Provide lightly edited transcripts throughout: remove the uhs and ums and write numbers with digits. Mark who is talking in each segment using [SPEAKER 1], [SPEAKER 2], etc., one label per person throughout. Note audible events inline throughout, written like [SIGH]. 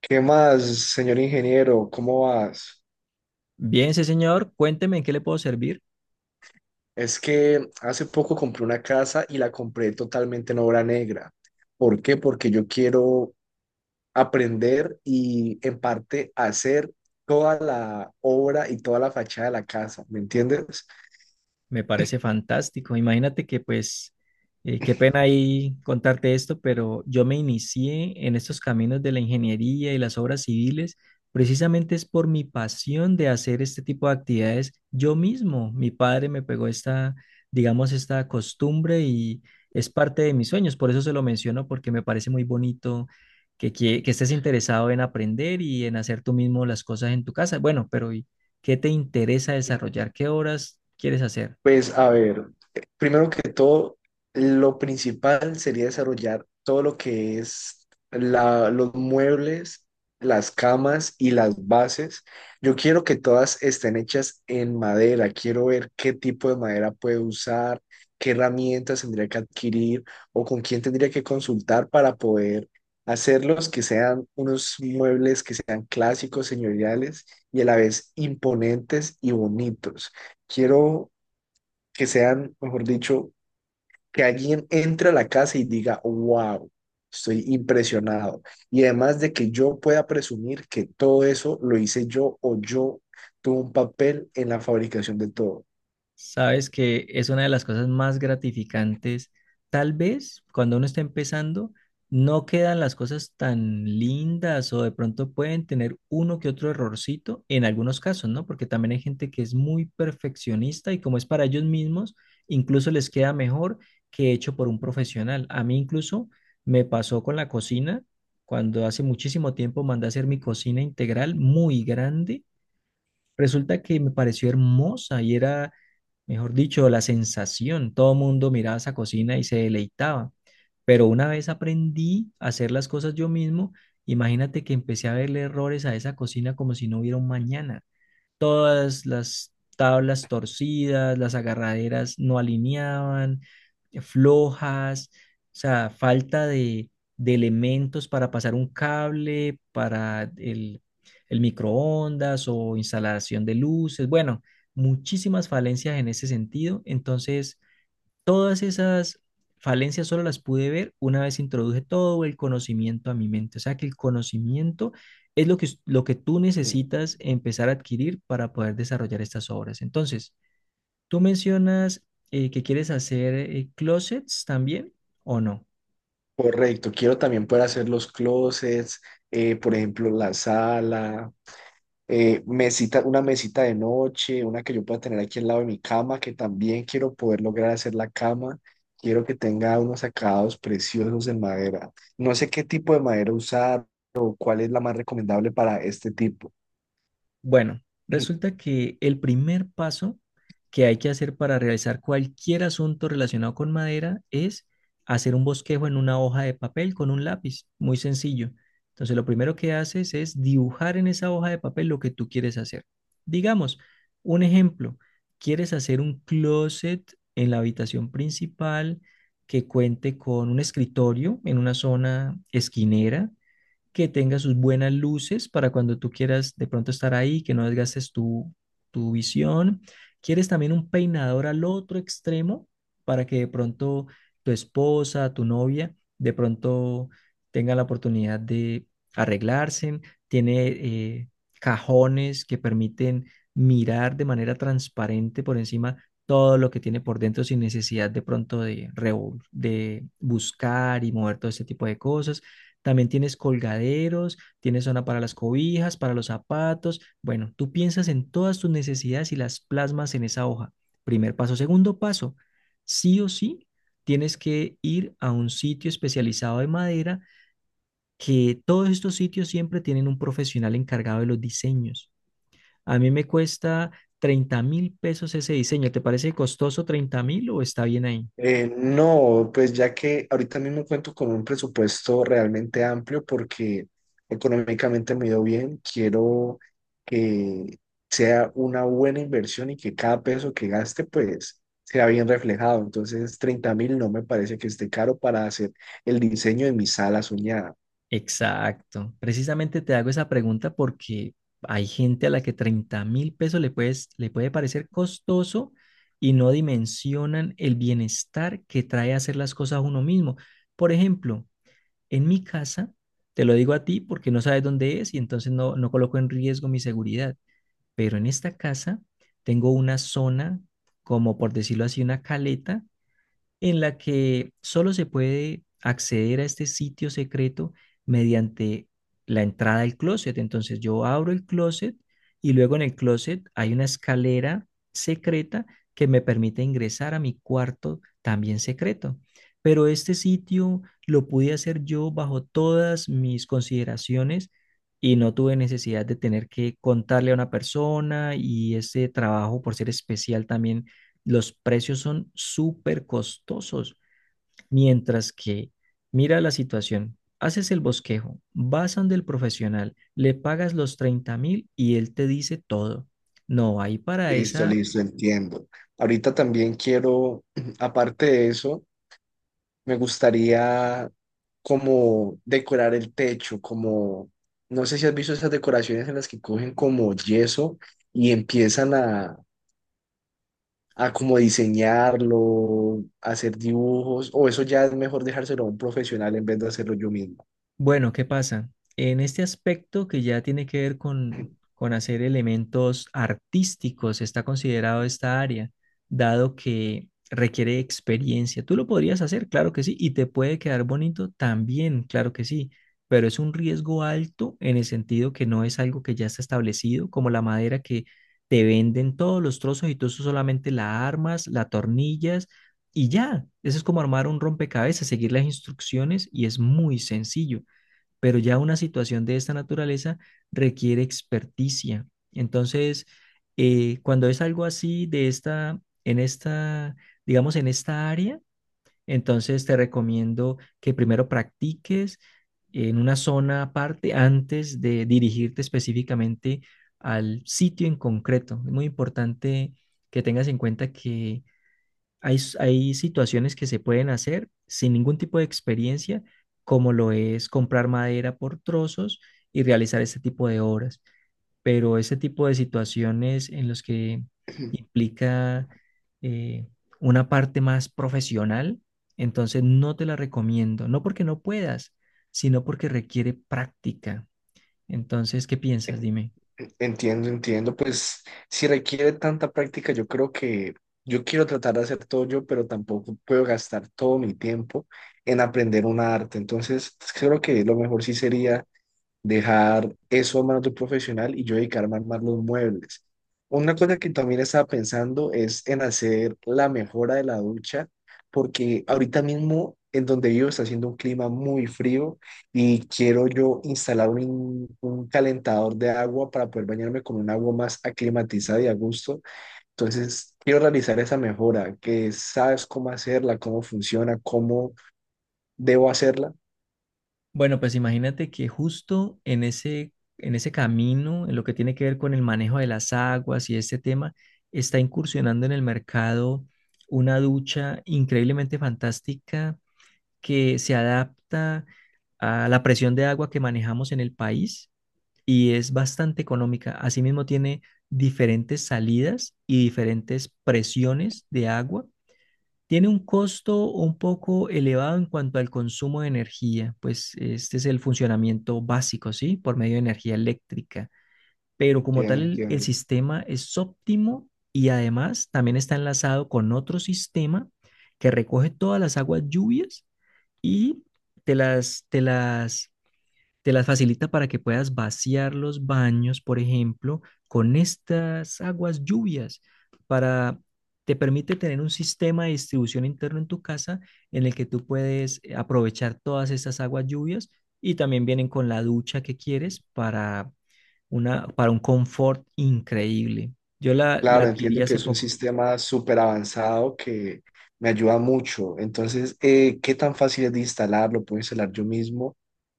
[SPEAKER 1] ¿Qué más, señor ingeniero? ¿Cómo vas?
[SPEAKER 2] Bien, sí, señor. Cuénteme en qué le puedo servir.
[SPEAKER 1] Es que hace poco compré una casa y la compré totalmente en obra negra. ¿Por qué? Porque yo quiero aprender y en parte hacer toda la obra y toda la fachada de la casa, ¿me entiendes?
[SPEAKER 2] Me parece fantástico. Imagínate que pues, qué pena ahí contarte esto, pero yo me inicié en estos caminos de la ingeniería y las obras civiles, precisamente es por mi pasión de hacer este tipo de actividades yo mismo. Mi padre me pegó esta, digamos, esta costumbre y es parte de mis sueños. Por eso se lo menciono, porque me parece muy bonito que estés interesado en aprender y en hacer tú mismo las cosas en tu casa. Bueno, pero ¿y qué te interesa desarrollar? ¿Qué horas quieres hacer?
[SPEAKER 1] Pues a ver, primero que todo, lo principal sería desarrollar todo lo que es los muebles, las camas y las bases. Yo quiero que todas estén hechas en madera. Quiero ver qué tipo de madera puede usar, qué herramientas tendría que adquirir o con quién tendría que consultar para poder hacerlos, que sean unos muebles que sean clásicos, señoriales y a la vez imponentes y bonitos. Quiero que sean, mejor dicho, que alguien entre a la casa y diga, wow, estoy impresionado. Y además de que yo pueda presumir que todo eso lo hice yo o yo tuve un papel en la fabricación de todo.
[SPEAKER 2] Sabes que es una de las cosas más gratificantes. Tal vez cuando uno está empezando, no quedan las cosas tan lindas o de pronto pueden tener uno que otro errorcito en algunos casos, ¿no? Porque también hay gente que es muy perfeccionista y como es para ellos mismos, incluso les queda mejor que hecho por un profesional. A mí incluso me pasó con la cocina, cuando hace muchísimo tiempo mandé a hacer mi cocina integral muy grande. Resulta que me pareció hermosa y era, mejor dicho, la sensación. Todo el mundo miraba esa cocina y se deleitaba. Pero una vez aprendí a hacer las cosas yo mismo, imagínate que empecé a verle errores a esa cocina como si no hubiera un mañana. Todas las tablas torcidas, las agarraderas no alineaban, flojas, o sea, falta de elementos para pasar un cable, para el microondas o instalación de luces, bueno, muchísimas falencias en ese sentido. Entonces, todas esas falencias solo las pude ver una vez introduje todo el conocimiento a mi mente. O sea que el conocimiento es lo que tú
[SPEAKER 1] Mm.
[SPEAKER 2] necesitas empezar a adquirir para poder desarrollar estas obras. Entonces, tú mencionas que quieres hacer closets también, ¿o no?
[SPEAKER 1] Correcto, quiero también poder hacer los closets, por ejemplo, la sala, mesita, una mesita de noche, una que yo pueda tener aquí al lado de mi cama, que también quiero poder lograr hacer la cama. Quiero que tenga unos acabados preciosos en madera. No sé qué tipo de madera usar o cuál es la más recomendable para este tipo.
[SPEAKER 2] Bueno, resulta que el primer paso que hay que hacer para realizar cualquier asunto relacionado con madera es hacer un bosquejo en una hoja de papel con un lápiz, muy sencillo. Entonces, lo primero que haces es dibujar en esa hoja de papel lo que tú quieres hacer. Digamos, un ejemplo, quieres hacer un closet en la habitación principal que cuente con un escritorio en una zona esquinera que tenga sus buenas luces para cuando tú quieras de pronto estar ahí, que no desgastes tu visión. ¿Quieres también un peinador al otro extremo para que de pronto tu esposa, tu novia, de pronto tenga la oportunidad de arreglarse? Tiene cajones que permiten mirar de manera transparente por encima todo lo que tiene por dentro sin necesidad de pronto de buscar y mover todo ese tipo de cosas. También tienes colgaderos, tienes zona para las cobijas, para los zapatos. Bueno, tú piensas en todas tus necesidades y las plasmas en esa hoja. Primer paso. Segundo paso, sí o sí, tienes que ir a un sitio especializado de madera, que todos estos sitios siempre tienen un profesional encargado de los diseños. A mí me cuesta $30.000 ese diseño. ¿Te parece costoso, 30.000, o está bien ahí?
[SPEAKER 1] No, pues ya que ahorita mismo cuento con un presupuesto realmente amplio porque económicamente me ha ido bien, quiero que sea una buena inversión y que cada peso que gaste pues sea bien reflejado. Entonces, 30.000 no me parece que esté caro para hacer el diseño de mi sala soñada.
[SPEAKER 2] Exacto. Precisamente te hago esa pregunta porque hay gente a la que $30.000 le puede parecer costoso y no dimensionan el bienestar que trae hacer las cosas a uno mismo. Por ejemplo, en mi casa, te lo digo a ti porque no sabes dónde es y entonces no, no coloco en riesgo mi seguridad, pero en esta casa tengo una zona, como por decirlo así, una caleta en la que solo se puede acceder a este sitio secreto mediante la entrada del closet. Entonces yo abro el closet y luego en el closet hay una escalera secreta que me permite ingresar a mi cuarto también secreto. Pero este sitio lo pude hacer yo bajo todas mis consideraciones y no tuve necesidad de tener que contarle a una persona, y ese trabajo por ser especial también los precios son súper costosos, mientras que mira la situación, haces el bosquejo, vas donde el profesional, le pagas los 30.000 y él te dice todo. No, ahí para
[SPEAKER 1] Listo,
[SPEAKER 2] esa.
[SPEAKER 1] listo, entiendo. Ahorita también quiero, [CLEARS THROAT] aparte de eso, me gustaría como decorar el techo, como, no sé si has visto esas decoraciones en las que cogen como yeso y empiezan a como diseñarlo, hacer dibujos, o eso ya es mejor dejárselo a un profesional en vez de hacerlo yo mismo.
[SPEAKER 2] Bueno, ¿qué pasa? En este aspecto que ya tiene que ver con hacer elementos artísticos, está considerado esta área, dado que requiere experiencia. Tú lo podrías hacer, claro que sí, y te puede quedar bonito también, claro que sí, pero es un riesgo alto en el sentido que no es algo que ya está establecido, como la madera que te venden todos los trozos y tú solamente la armas, la tornillas. Y ya, eso es como armar un rompecabezas, seguir las instrucciones y es muy sencillo, pero ya una situación de esta naturaleza requiere experticia. Entonces, cuando es algo así de esta, en esta, digamos, en esta área, entonces te recomiendo que primero practiques en una zona aparte antes de dirigirte específicamente al sitio en concreto. Es muy importante que tengas en cuenta que hay situaciones que se pueden hacer sin ningún tipo de experiencia, como lo es comprar madera por trozos y realizar este tipo de obras. Pero ese tipo de situaciones en los que implica eh, una parte más profesional, entonces no te la recomiendo. No porque no puedas, sino porque requiere práctica. Entonces, ¿qué piensas? Dime.
[SPEAKER 1] Entiendo, entiendo, pues si requiere tanta práctica, yo creo que yo quiero tratar de hacer todo yo, pero tampoco puedo gastar todo mi tiempo en aprender un arte. Entonces, pues, creo que lo mejor sí sería dejar eso a manos de un profesional y yo dedicarme a armar los muebles. Una cosa que también estaba pensando es en hacer la mejora de la ducha, porque ahorita mismo en donde vivo está haciendo un clima muy frío y quiero yo instalar un calentador de agua para poder bañarme con un agua más aclimatizada y a gusto. Entonces, quiero realizar esa mejora, que sabes cómo hacerla, cómo funciona, cómo debo hacerla.
[SPEAKER 2] Bueno, pues imagínate que justo en ese camino, en lo que tiene que ver con, el manejo de las aguas y este tema, está incursionando en el mercado una ducha increíblemente fantástica que se adapta a la presión de agua que manejamos en el país y es bastante económica. Asimismo, tiene diferentes salidas y diferentes presiones de agua. Tiene un costo un poco elevado en cuanto al consumo de energía, pues este es el funcionamiento básico, ¿sí? Por medio de energía eléctrica. Pero como
[SPEAKER 1] Entiendo,
[SPEAKER 2] tal, el
[SPEAKER 1] entiendo.
[SPEAKER 2] sistema es óptimo y además también está enlazado con otro sistema que recoge todas las aguas lluvias y te las, te las te las facilita para que puedas vaciar los baños, por ejemplo, con estas aguas lluvias, para te permite tener un sistema de distribución interno en tu casa en el que tú puedes aprovechar todas estas aguas lluvias, y también vienen con la ducha que quieres para una para un confort increíble. Yo la
[SPEAKER 1] Claro,
[SPEAKER 2] adquirí
[SPEAKER 1] entiendo que
[SPEAKER 2] hace
[SPEAKER 1] es un
[SPEAKER 2] poco.
[SPEAKER 1] sistema súper avanzado que me ayuda mucho. Entonces, ¿qué tan fácil es de instalar? ¿Lo puedo instalar yo mismo?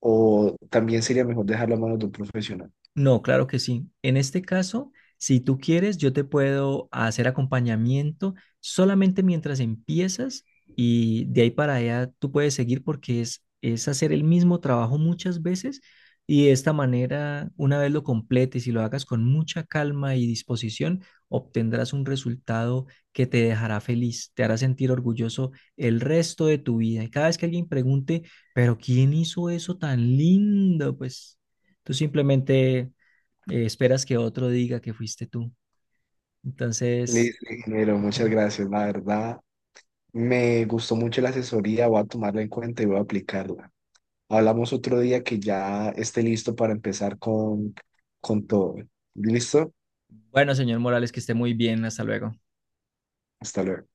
[SPEAKER 1] ¿O también sería mejor dejarlo a manos de un profesional?
[SPEAKER 2] No, claro que sí. En este caso, si tú quieres, yo te puedo hacer acompañamiento solamente mientras empiezas, y de ahí para allá tú puedes seguir porque es hacer el mismo trabajo muchas veces, y de esta manera, una vez lo completes y lo hagas con mucha calma y disposición, obtendrás un resultado que te dejará feliz, te hará sentir orgulloso el resto de tu vida. Y cada vez que alguien pregunte, pero ¿quién hizo eso tan lindo? Pues, tú simplemente esperas que otro diga que fuiste tú. Entonces,
[SPEAKER 1] Listo, ingeniero, muchas gracias. La verdad, me gustó mucho la asesoría, voy a tomarla en cuenta y voy a aplicarla. Hablamos otro día que ya esté listo para empezar con todo. ¿Listo?
[SPEAKER 2] bueno, señor Morales, que esté muy bien. Hasta luego.
[SPEAKER 1] Hasta luego.